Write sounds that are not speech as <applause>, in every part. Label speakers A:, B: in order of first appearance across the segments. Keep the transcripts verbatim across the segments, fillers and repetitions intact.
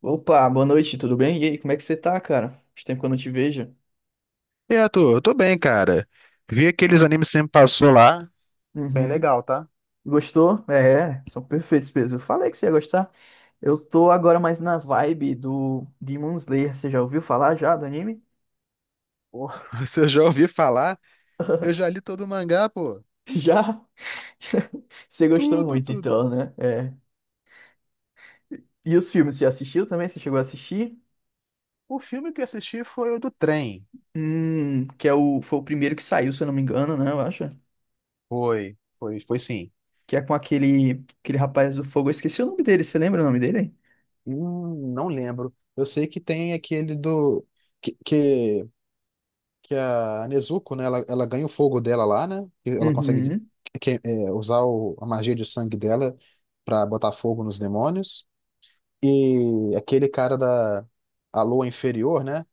A: Opa, boa noite, tudo bem? E aí, como é que você tá, cara? Faz tempo que eu não te vejo.
B: E aí, Arthur, eu tô bem, cara. Vi aqueles animes que você me passou lá. Bem
A: Uhum.
B: legal, tá?
A: Gostou? É, são perfeitos mesmo. Eu falei que você ia gostar. Eu tô agora mais na vibe do Demon Slayer. Você já ouviu falar já do anime?
B: Pô, <laughs> se eu já ouvi falar, eu já li todo o mangá, pô.
A: <laughs> Já? <laughs> Você gostou
B: Tudo,
A: muito,
B: tudo.
A: então, né? É. E os filmes, você assistiu também? Você chegou a assistir?
B: O filme que eu assisti foi o do trem.
A: Hum, que é o, foi o primeiro que saiu, se eu não me engano, né? Eu acho.
B: Foi, foi, foi sim.
A: Que é com aquele, aquele rapaz do fogo. Eu esqueci o nome dele. Você lembra o nome dele?
B: Hum, não lembro. Eu sei que tem aquele do. Que, que, que a Nezuko, né? Ela, ela ganha o fogo dela lá, né? E ela consegue
A: Uhum.
B: que- é, usar o- a magia de sangue dela pra botar fogo nos demônios. E aquele cara da a Lua Inferior, né?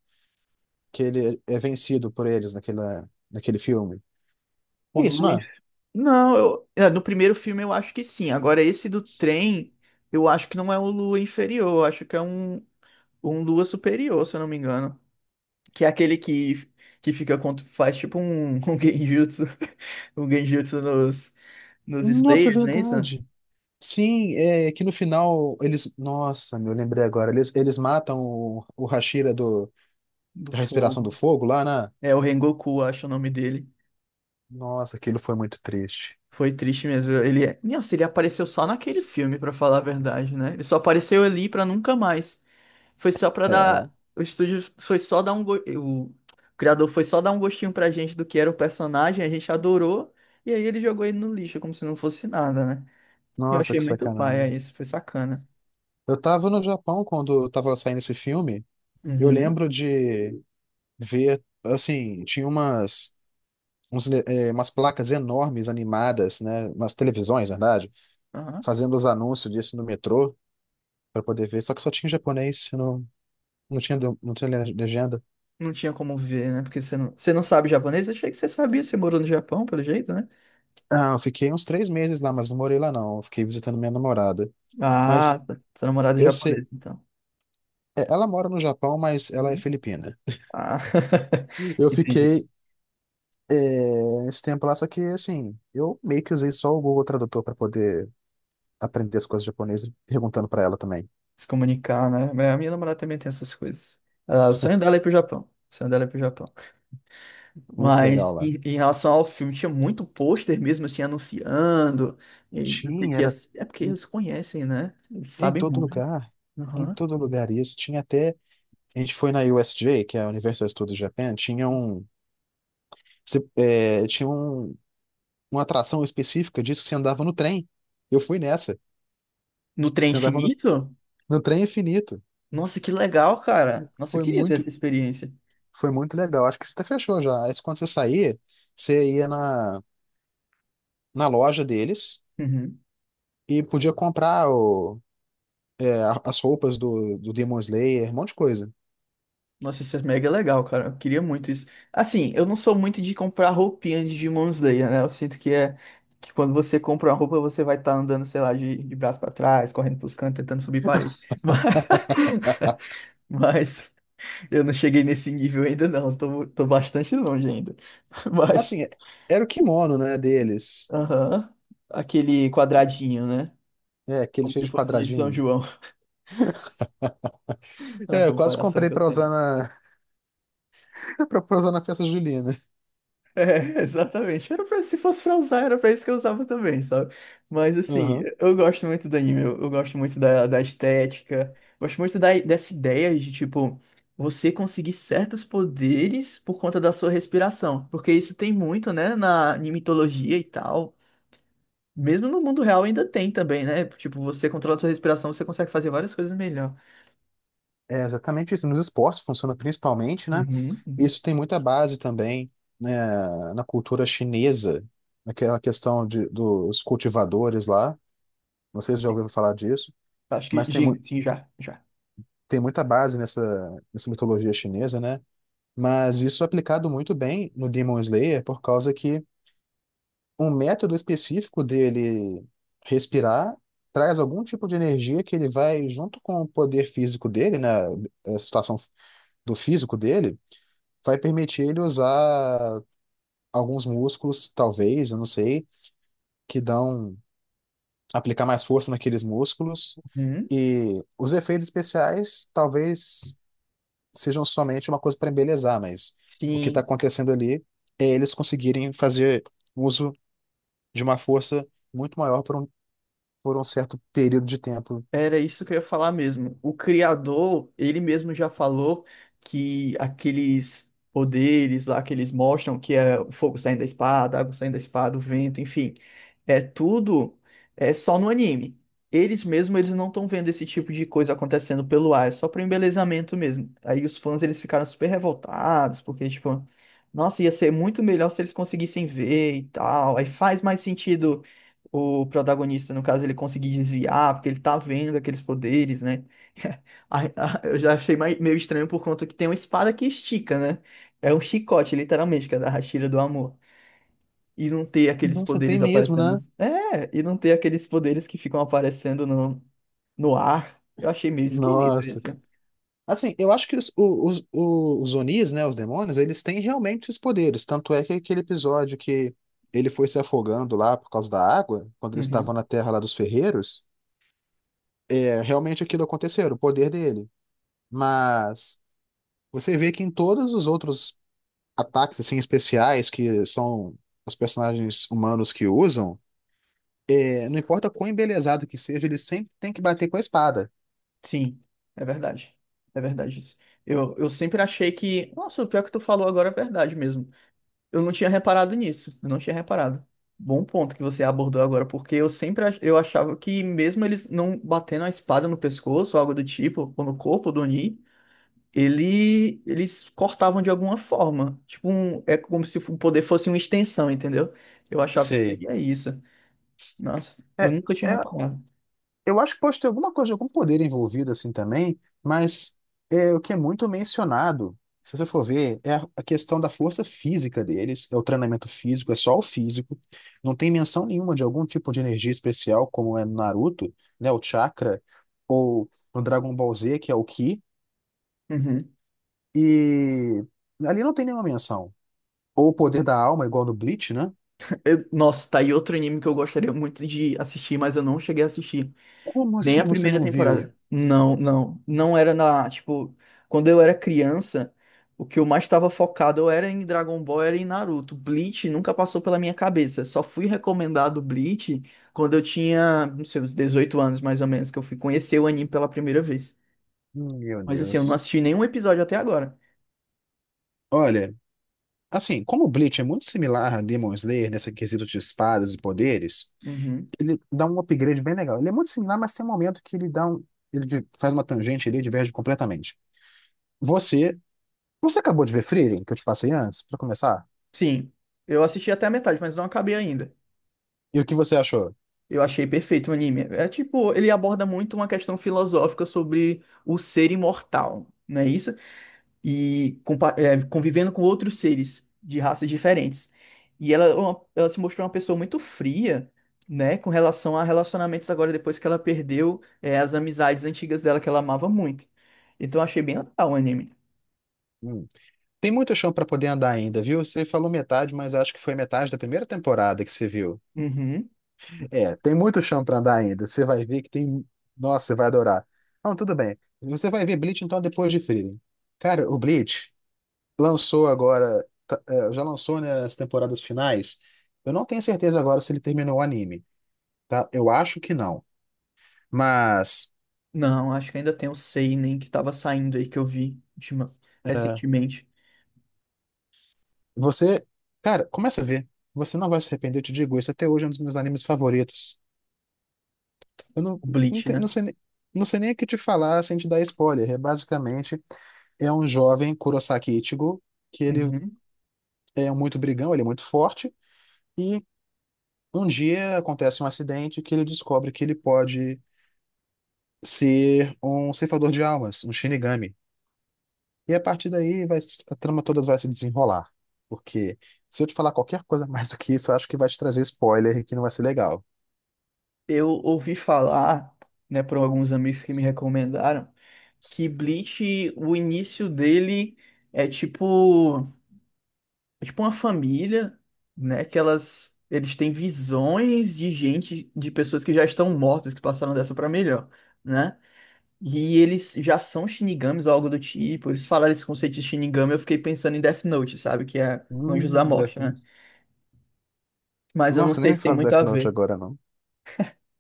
B: Que ele é vencido por eles naquela, naquele filme.
A: O
B: É isso,
A: Lu
B: não é?
A: Não, eu, é, no primeiro filme eu acho que sim. Agora, esse do trem, eu acho que não é um Lua inferior, eu acho que é um, um Lua superior, se eu não me engano. Que é aquele que, que fica contra, faz tipo um, um genjutsu, <laughs> um genjutsu nos, nos
B: Nossa, é
A: Slayers, né? Isso?
B: verdade. Sim, é que no final eles. Nossa, meu, lembrei agora. Eles, eles matam o, o Hashira do,
A: Do
B: da respiração
A: fogo.
B: do fogo lá, né?
A: É o Rengoku, acho o nome dele.
B: Nossa, aquilo foi muito triste.
A: Foi triste mesmo. Ele, é- nossa, ele apareceu só naquele filme, pra falar a verdade, né? Ele só apareceu ali pra nunca mais. Foi só pra
B: É,
A: dar. O estúdio foi só dar um. go- O criador foi só dar um gostinho pra gente do que era o personagem, a gente adorou, e aí ele jogou ele no lixo, como se não fosse nada, né? Eu
B: nossa,
A: achei
B: que
A: muito paia
B: sacanagem.
A: isso, foi sacana.
B: Eu tava no Japão quando tava saindo esse filme. Eu
A: Uhum.
B: lembro de ver, assim, tinha umas uns, le- eh, umas placas enormes animadas, né? Umas televisões, na verdade,
A: Aham.
B: fazendo os anúncios disso no metrô para poder ver. Só que só tinha japonês, não, não tinha, do- não tinha le- legenda.
A: Não tinha como ver, né? Porque você não, você não sabe japonês? Eu achei que você sabia, você morou no Japão, pelo jeito, né?
B: Ah, eu fiquei uns três meses lá, mas não morei lá não. Eu fiquei visitando minha namorada.
A: Ah,
B: Mas
A: tá. Sua namorada é
B: eu sei,
A: japonesa, então.
B: é, ela mora no Japão, mas ela é
A: Uhum.
B: filipina.
A: Ah,
B: Eu
A: <laughs> entendi.
B: fiquei eh, esse tempo lá, só que assim, eu meio que usei só o Google Tradutor para poder aprender as coisas japonesas, perguntando para ela também.
A: Se comunicar, né? Mas a minha namorada também tem essas coisas. Ah, o sonho dela é ir pro Japão. O sonho dela é ir pro Japão.
B: Muito
A: Mas
B: legal lá.
A: em, em relação ao filme, tinha muito pôster mesmo assim anunciando. E do que
B: Tinha,
A: que ia
B: era
A: ser. É porque eles conhecem, né? Eles
B: em
A: sabem
B: todo
A: muito.
B: lugar, em
A: Aham.
B: todo lugar isso. Tinha até, a gente foi na U S J, que é a Universal Studios Japan, tinha um, se- é, tinha um, uma atração específica disso, que você andava no trem. Eu fui nessa,
A: No Trem
B: você andava no,
A: Infinito?
B: no trem infinito.
A: Nossa, que legal, cara. Nossa, eu
B: Foi
A: queria ter
B: muito,
A: essa experiência.
B: foi muito legal. Acho que até fechou já. Aí quando você saía, você ia na, na loja deles
A: Uhum.
B: e podia comprar o, é, a- as roupas do, do Demon Slayer, um monte de coisa.
A: Nossa, isso é mega legal, cara. Eu queria muito isso. Assim, eu não sou muito de comprar roupinha de Demon Slayer, né? Eu sinto que é que quando você compra uma roupa, você vai estar andando, sei lá, de, de braço pra trás, correndo pros cantos, tentando subir parede. <laughs> Mas, mas eu não cheguei nesse nível ainda, não. Tô, tô bastante longe ainda. <laughs> Mas,
B: Assim, é, era o kimono, né, deles.
A: aham. Aquele quadradinho, né?
B: É, aquele
A: Como
B: cheio
A: se
B: de
A: fosse de São
B: quadradinho.
A: João, <laughs> a
B: É, eu quase
A: comparação
B: comprei
A: que eu
B: pra usar
A: tenho.
B: na <laughs> pra pra usar na festa julina.
A: É, exatamente. Era pra, se fosse pra usar, era pra isso que eu usava também, sabe? Mas, assim,
B: Uhum.
A: eu gosto muito do anime. Eu, eu gosto muito da, da estética. Gosto muito da, dessa ideia de, tipo, você conseguir certos poderes por conta da sua respiração. Porque isso tem muito, né, na, na mitologia e tal. Mesmo no mundo real ainda tem também, né? Tipo, você controla a sua respiração, você consegue fazer várias coisas melhor.
B: É exatamente isso. Nos esportes funciona principalmente, né?
A: Uhum, uhum.
B: Isso tem muita base também, né, na cultura chinesa, naquela questão de, dos cultivadores lá. Não sei se já ouviu falar disso,
A: Acho que
B: mas tem,
A: sim,
B: mu
A: sim, já, já.
B: tem muita base nessa, nessa mitologia chinesa, né? Mas isso é aplicado muito bem no Demon Slayer por causa que um método específico dele respirar traz algum tipo de energia que ele vai, junto com o poder físico dele, né, a situação do físico dele, vai permitir ele usar alguns músculos, talvez, eu não sei, que dão, aplicar mais força naqueles músculos.
A: Uhum.
B: E os efeitos especiais talvez sejam somente uma coisa para embelezar, mas o que está
A: Sim,
B: acontecendo ali é eles conseguirem fazer uso de uma força muito maior por um por um certo período de tempo.
A: era isso que eu ia falar mesmo. O criador, ele mesmo já falou que aqueles poderes lá que eles mostram, que é o fogo saindo da espada, a água saindo da espada, o vento, enfim, é tudo é só no anime. Eles mesmo, eles não estão vendo esse tipo de coisa acontecendo pelo ar, é só para embelezamento mesmo. Aí os fãs, eles ficaram super revoltados, porque tipo, nossa, ia ser muito melhor se eles conseguissem ver e tal. Aí faz mais sentido o protagonista, no caso, ele conseguir desviar, porque ele tá vendo aqueles poderes, né? <laughs> Ai, ah, eu já achei mai- meio estranho por conta que tem uma espada que estica, né? É um chicote, literalmente, que é da Hashira do Amor. E não ter aqueles
B: Nossa, tem
A: poderes
B: mesmo,
A: aparecendo.
B: né?
A: Nos- É, e não ter aqueles poderes que ficam aparecendo no, no, ar. Eu achei meio esquisito
B: Nossa.
A: isso.
B: Assim, eu acho que os, o- os, os Onis, né, os demônios, eles têm realmente esses poderes. Tanto é que aquele episódio que ele foi se afogando lá por causa da água, quando eles estavam
A: Uhum.
B: na terra lá dos ferreiros, é, realmente aquilo aconteceu, o poder dele. Mas você vê que em todos os outros ataques, assim, especiais, que são os personagens humanos que usam, é, não importa quão embelezado que seja, ele sempre tem que bater com a espada.
A: Sim, é verdade. É verdade isso. Eu, eu sempre achei que. Nossa, o pior que tu falou agora é verdade mesmo. Eu não tinha reparado nisso, eu não tinha reparado. Bom ponto que você abordou agora, porque eu sempre ach- eu achava que mesmo eles não batendo a espada no pescoço ou algo do tipo, ou no corpo do Oni, ele, eles cortavam de alguma forma. Tipo, um, é como se o poder fosse uma extensão, entendeu? Eu achava que
B: Sei.
A: seria isso. Nossa,
B: É,
A: eu nunca tinha
B: é,
A: reparado.
B: eu acho que pode ter alguma coisa, algum poder envolvido assim também, mas é o que é muito mencionado, se você for ver, é a, a questão da força física deles, é o treinamento físico, é só o físico, não tem menção nenhuma de algum tipo de energia especial, como é no Naruto, né, o chakra, ou no Dragon Ball Z, que é o Ki,
A: Uhum.
B: e ali não tem nenhuma menção. Ou o poder da alma, igual no Bleach, né?
A: Eu- nossa, tá aí outro anime que eu gostaria muito de assistir, mas eu não cheguei a assistir.
B: Como
A: Nem a
B: assim você
A: primeira
B: não viu?
A: temporada. Não, não. Não era na. Tipo, quando eu era criança, o que eu mais estava focado eu era em Dragon Ball, era em Naruto. Bleach nunca passou pela minha cabeça. Só fui recomendado Bleach quando eu tinha, não sei, uns dezoito anos mais ou menos, que eu fui conhecer o anime pela primeira vez.
B: Meu
A: Mas assim, eu não
B: Deus.
A: assisti nenhum episódio até agora.
B: Olha. Assim, como o Bleach é muito similar a Demon Slayer nesse quesito de espadas e poderes,
A: Uhum.
B: ele dá um upgrade bem legal. Ele é muito similar, mas tem um momento que ele dá um, ele di- faz uma tangente ali e diverge completamente. Você, você acabou de ver Frieren, que eu te passei antes, pra começar?
A: Sim, eu assisti até a metade, mas não acabei ainda.
B: E o que você achou?
A: Eu achei perfeito o anime. É tipo, ele aborda muito uma questão filosófica sobre o ser imortal, não é isso? E compa- é, convivendo com outros seres de raças diferentes. E ela, é uma- ela se mostrou uma pessoa muito fria, né, com relação a relacionamentos agora depois que ela perdeu é, as amizades antigas dela que ela amava muito. Então eu achei bem legal o anime.
B: Hum. Tem muito chão pra poder andar ainda, viu? Você falou metade, mas acho que foi metade da primeira temporada que você viu.
A: Uhum.
B: É, tem muito chão pra andar ainda. Você vai ver que tem. Nossa, você vai adorar. Não, tudo bem. Você vai ver Bleach então depois de Frieren. Cara, o Bleach lançou agora, tá, é, já lançou, né, as temporadas finais. Eu não tenho certeza agora se ele terminou o anime, tá? Eu acho que não. Mas
A: Não, acho que ainda tem o Seinen que tava saindo aí que eu vi ultima-
B: é,
A: recentemente,
B: você, cara, começa a ver. Você não vai se arrepender, eu te digo isso. Até hoje é um dos meus animes favoritos. Eu não,
A: o
B: não,
A: Bleach,
B: te- não
A: né?
B: sei, nem- não sei nem o que te falar sem te dar spoiler. É basicamente é um jovem Kurosaki Ichigo, que ele
A: Uhum.
B: é muito brigão, ele é muito forte, e um dia acontece um acidente que ele descobre que ele pode ser um ceifador de almas, um Shinigami. E a partir daí vai, se- a trama toda vai se desenrolar. Porque se eu te falar qualquer coisa <laughs> mais do que isso, eu acho que vai te trazer spoiler e que não vai ser legal.
A: Eu ouvi falar, né, por alguns amigos que me recomendaram que Bleach, o início dele é tipo, é tipo uma família, né? Que elas, eles têm visões de gente, de pessoas que já estão mortas, que passaram dessa pra melhor, né? E eles já são Shinigamis ou algo do tipo. Eles falaram esse conceito de Shinigami, eu fiquei pensando em Death Note, sabe? Que é Anjos da
B: Hum,
A: Morte,
B: Death
A: né?
B: Note.
A: Mas eu não
B: Nossa, nem
A: sei
B: me
A: se tem
B: fala do
A: muito
B: Death
A: a
B: Note
A: ver.
B: agora, não.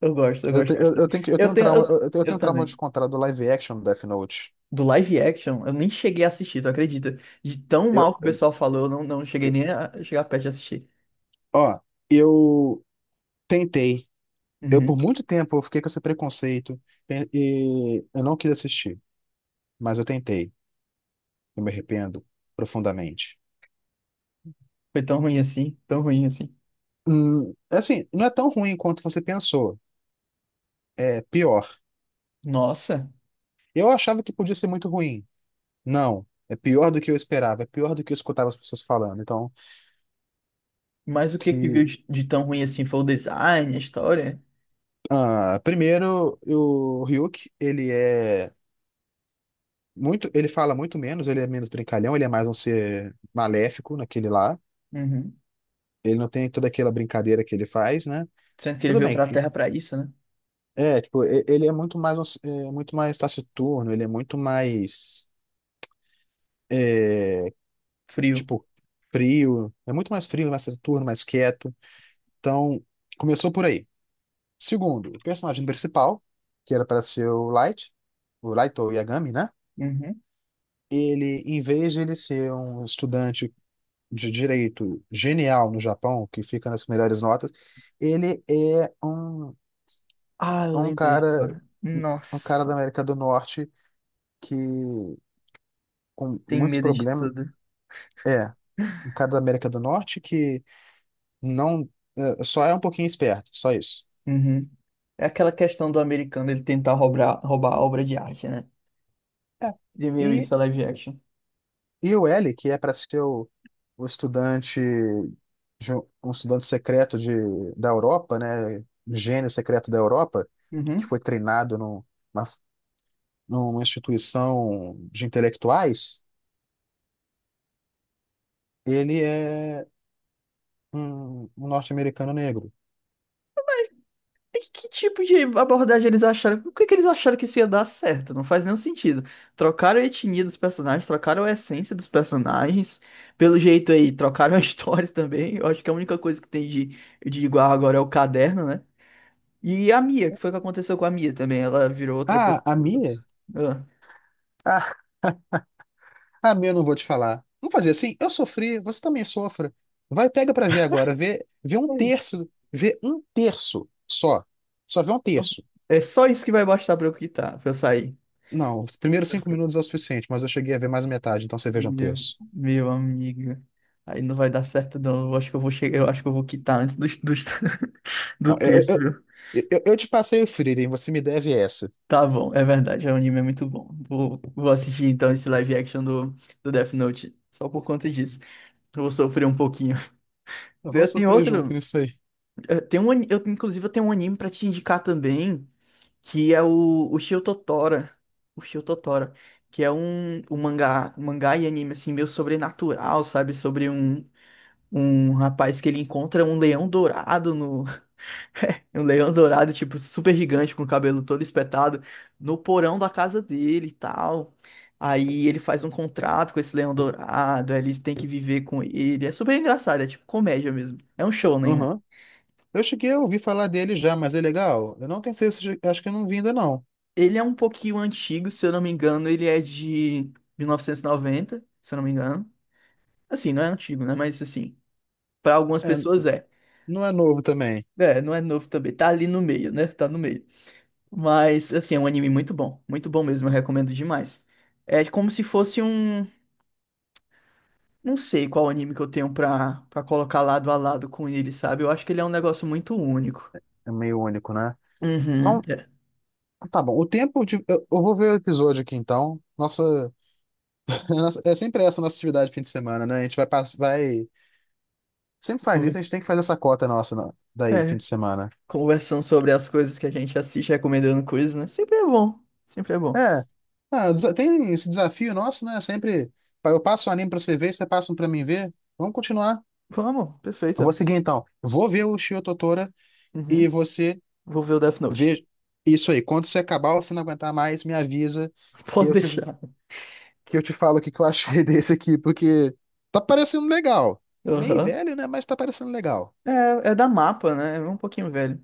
A: Eu gosto, eu
B: Eu,
A: gosto
B: te- eu, eu
A: bastante.
B: tenho, que- eu tenho
A: Eu
B: um
A: tenho,
B: trauma,
A: eu,
B: eu, eu tenho eu
A: eu
B: tenho um trauma de
A: também.
B: contar do live action do Death Note.
A: Do live action, eu nem cheguei a assistir, tu acredita? De tão mal
B: Eu,
A: que o pessoal falou, eu não, não cheguei
B: eu-
A: nem a chegar perto de assistir.
B: ó, eu tentei. Eu,
A: Uhum.
B: por muito tempo, eu fiquei com esse preconceito e e eu não quis assistir, mas eu tentei. Eu me arrependo profundamente.
A: Foi tão ruim assim, tão ruim assim.
B: Hum, é assim, não é tão ruim quanto você pensou. É pior.
A: Nossa,
B: Eu achava que podia ser muito ruim. Não. É pior do que eu esperava. É pior do que eu escutava as pessoas falando. Então,
A: mas o que que viu
B: que.
A: de, de tão ruim assim? Foi o design, a história?
B: ah, primeiro, o Ryuk, ele é muito. Ele fala muito menos, ele é menos brincalhão, ele é mais um ser maléfico naquele lá.
A: Uhum.
B: Ele não tem toda aquela brincadeira que ele faz, né?
A: Sendo que ele
B: Tudo
A: veio
B: bem.
A: pra Terra pra isso, né?
B: É, tipo, e- ele é muito mais, um- é, muito mais taciturno, ele é muito mais
A: Frio.
B: tipo, frio. É muito mais frio, mais Saturno, mais quieto. Então, começou por aí. Segundo, o personagem principal, que era para ser o Light, o Light ou Yagami, né?
A: Uhum.
B: Ele, em vez de ele ser um estudante de direito genial no Japão, que fica nas melhores notas, ele é um,
A: Ah, eu
B: é um
A: lembrei
B: cara,
A: agora.
B: um cara da
A: Nossa,
B: América do Norte que com
A: tem
B: muitos
A: medo de
B: problemas,
A: tudo.
B: é, um cara da América do Norte que não, é, só é um pouquinho esperto, só isso.
A: Uhum. É aquela questão do americano ele tentar roubar, roubar a obra de arte, né?
B: É.
A: De meio
B: E,
A: isso, a live action.
B: e o L, que é para ser o, o estudante, de um um estudante secreto de, da Europa, né? Um gênio secreto da Europa, que
A: Uhum.
B: foi treinado num- na- numa instituição de intelectuais, ele é um, um norte-americano negro.
A: E que tipo de abordagem eles acharam? Por que que eles acharam que isso ia dar certo? Não faz nenhum sentido. Trocaram a etnia dos personagens, trocaram a essência dos personagens. Pelo jeito aí, trocaram a <laughs> história também. Eu acho que a única coisa que tem de, de igual agora é o caderno, né? E a Mia, que foi o que aconteceu com a Mia também. Ela virou outra
B: Ah,
A: pessoa.
B: a
A: Outra
B: Mia?
A: pessoa. Ah.
B: Ah, a Mia eu não vou te falar. Não fazer assim, eu sofri, você também sofra. Vai, pega para ver agora, vê, vê um terço, vê um terço só. Só vê um terço.
A: É só isso que vai bastar pra eu quitar, pra eu sair.
B: Não, os primeiros cinco minutos é o suficiente, mas eu cheguei a ver mais a metade, então você veja um
A: Meu,
B: terço.
A: meu amigo. Aí não vai dar certo, não. Eu acho que eu vou chegar, eu acho que eu vou quitar antes do, do, <laughs>
B: Não,
A: do
B: eu,
A: texto,
B: eu,
A: viu?
B: eu, eu- te passei o Frieren, você me deve essa.
A: Tá bom, é verdade, o anime é muito bom. Vou, vou assistir então esse live action do, do Death Note, só por conta disso. Eu vou sofrer um pouquinho.
B: Nós
A: Eu
B: vamos
A: tenho
B: sofrer junto
A: outro,
B: nisso aí.
A: eu tenho um, ani- eu, Inclusive eu tenho um anime pra te indicar também, que é o, o Shio Totora. O Shio Totora, que é um, um mangá, um mangá e anime assim, meio sobrenatural, sabe? Sobre um um rapaz que ele encontra um leão dourado no <laughs> um leão dourado tipo super gigante com o cabelo todo espetado no porão da casa dele e tal. Aí ele faz um contrato com esse leão dourado, aí eles têm que viver com ele. É super engraçado, é tipo comédia mesmo. É um show, né?
B: Aham. Eu cheguei a ouvir falar dele já, mas é legal. Eu não tenho certeza, acho que eu não vi ainda não.
A: Ele é um pouquinho antigo, se eu não me engano, ele é de mil novecentos e noventa, se eu não me engano. Assim, não é antigo, né? Mas assim, para algumas
B: É,
A: pessoas é.
B: não é novo também.
A: É, não é novo também, tá ali no meio, né? Tá no meio. Mas, assim, é um anime muito bom. Muito bom mesmo, eu recomendo demais. É como se fosse um. Não sei qual anime que eu tenho pra, pra colocar lado a lado com ele, sabe? Eu acho que ele é um negócio muito único.
B: É meio único, né?
A: Uhum.
B: Então,
A: É.
B: tá bom. O tempo de. Eu, eu vou ver o episódio aqui então. Nossa, <laughs> nossa- é sempre essa a nossa atividade de fim de semana, né? A gente vai, pass- vai... Sempre faz isso, a gente
A: Conver-
B: tem que fazer essa cota nossa na- daí, do fim
A: é,
B: de semana.
A: Conversando sobre as coisas que a gente assiste, recomendando coisas, né? Sempre é bom. Sempre é bom.
B: É. Ah, desa- tem esse desafio nosso, né? Sempre pa- eu passo o anime pra você ver, você passa um pra mim ver. Vamos continuar.
A: Vamos,
B: Eu vou
A: perfeita.
B: seguir então. Vou ver o Shio Totora
A: Uhum.
B: e você
A: Vou ver o Death Note.
B: vê isso aí. Quando você acabar ou você não aguentar mais, me avisa
A: <laughs>
B: que
A: Pode
B: eu te,
A: deixar.
B: que eu te falo o que que eu achei <laughs> desse aqui, porque tá parecendo legal. Meio
A: Aham.
B: velho, né? Mas tá parecendo legal.
A: É, é da Mapa, né? É um pouquinho velho.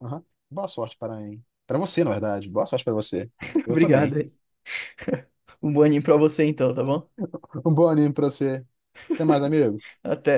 B: Aham. Boa sorte para mim. Para você, na verdade. Boa sorte para você.
A: <laughs>
B: Eu tô
A: Obrigado
B: bem.
A: aí. Um bom anime pra você então, tá bom?
B: <laughs> Um bom anime pra você. Até mais, amigo.
A: Até.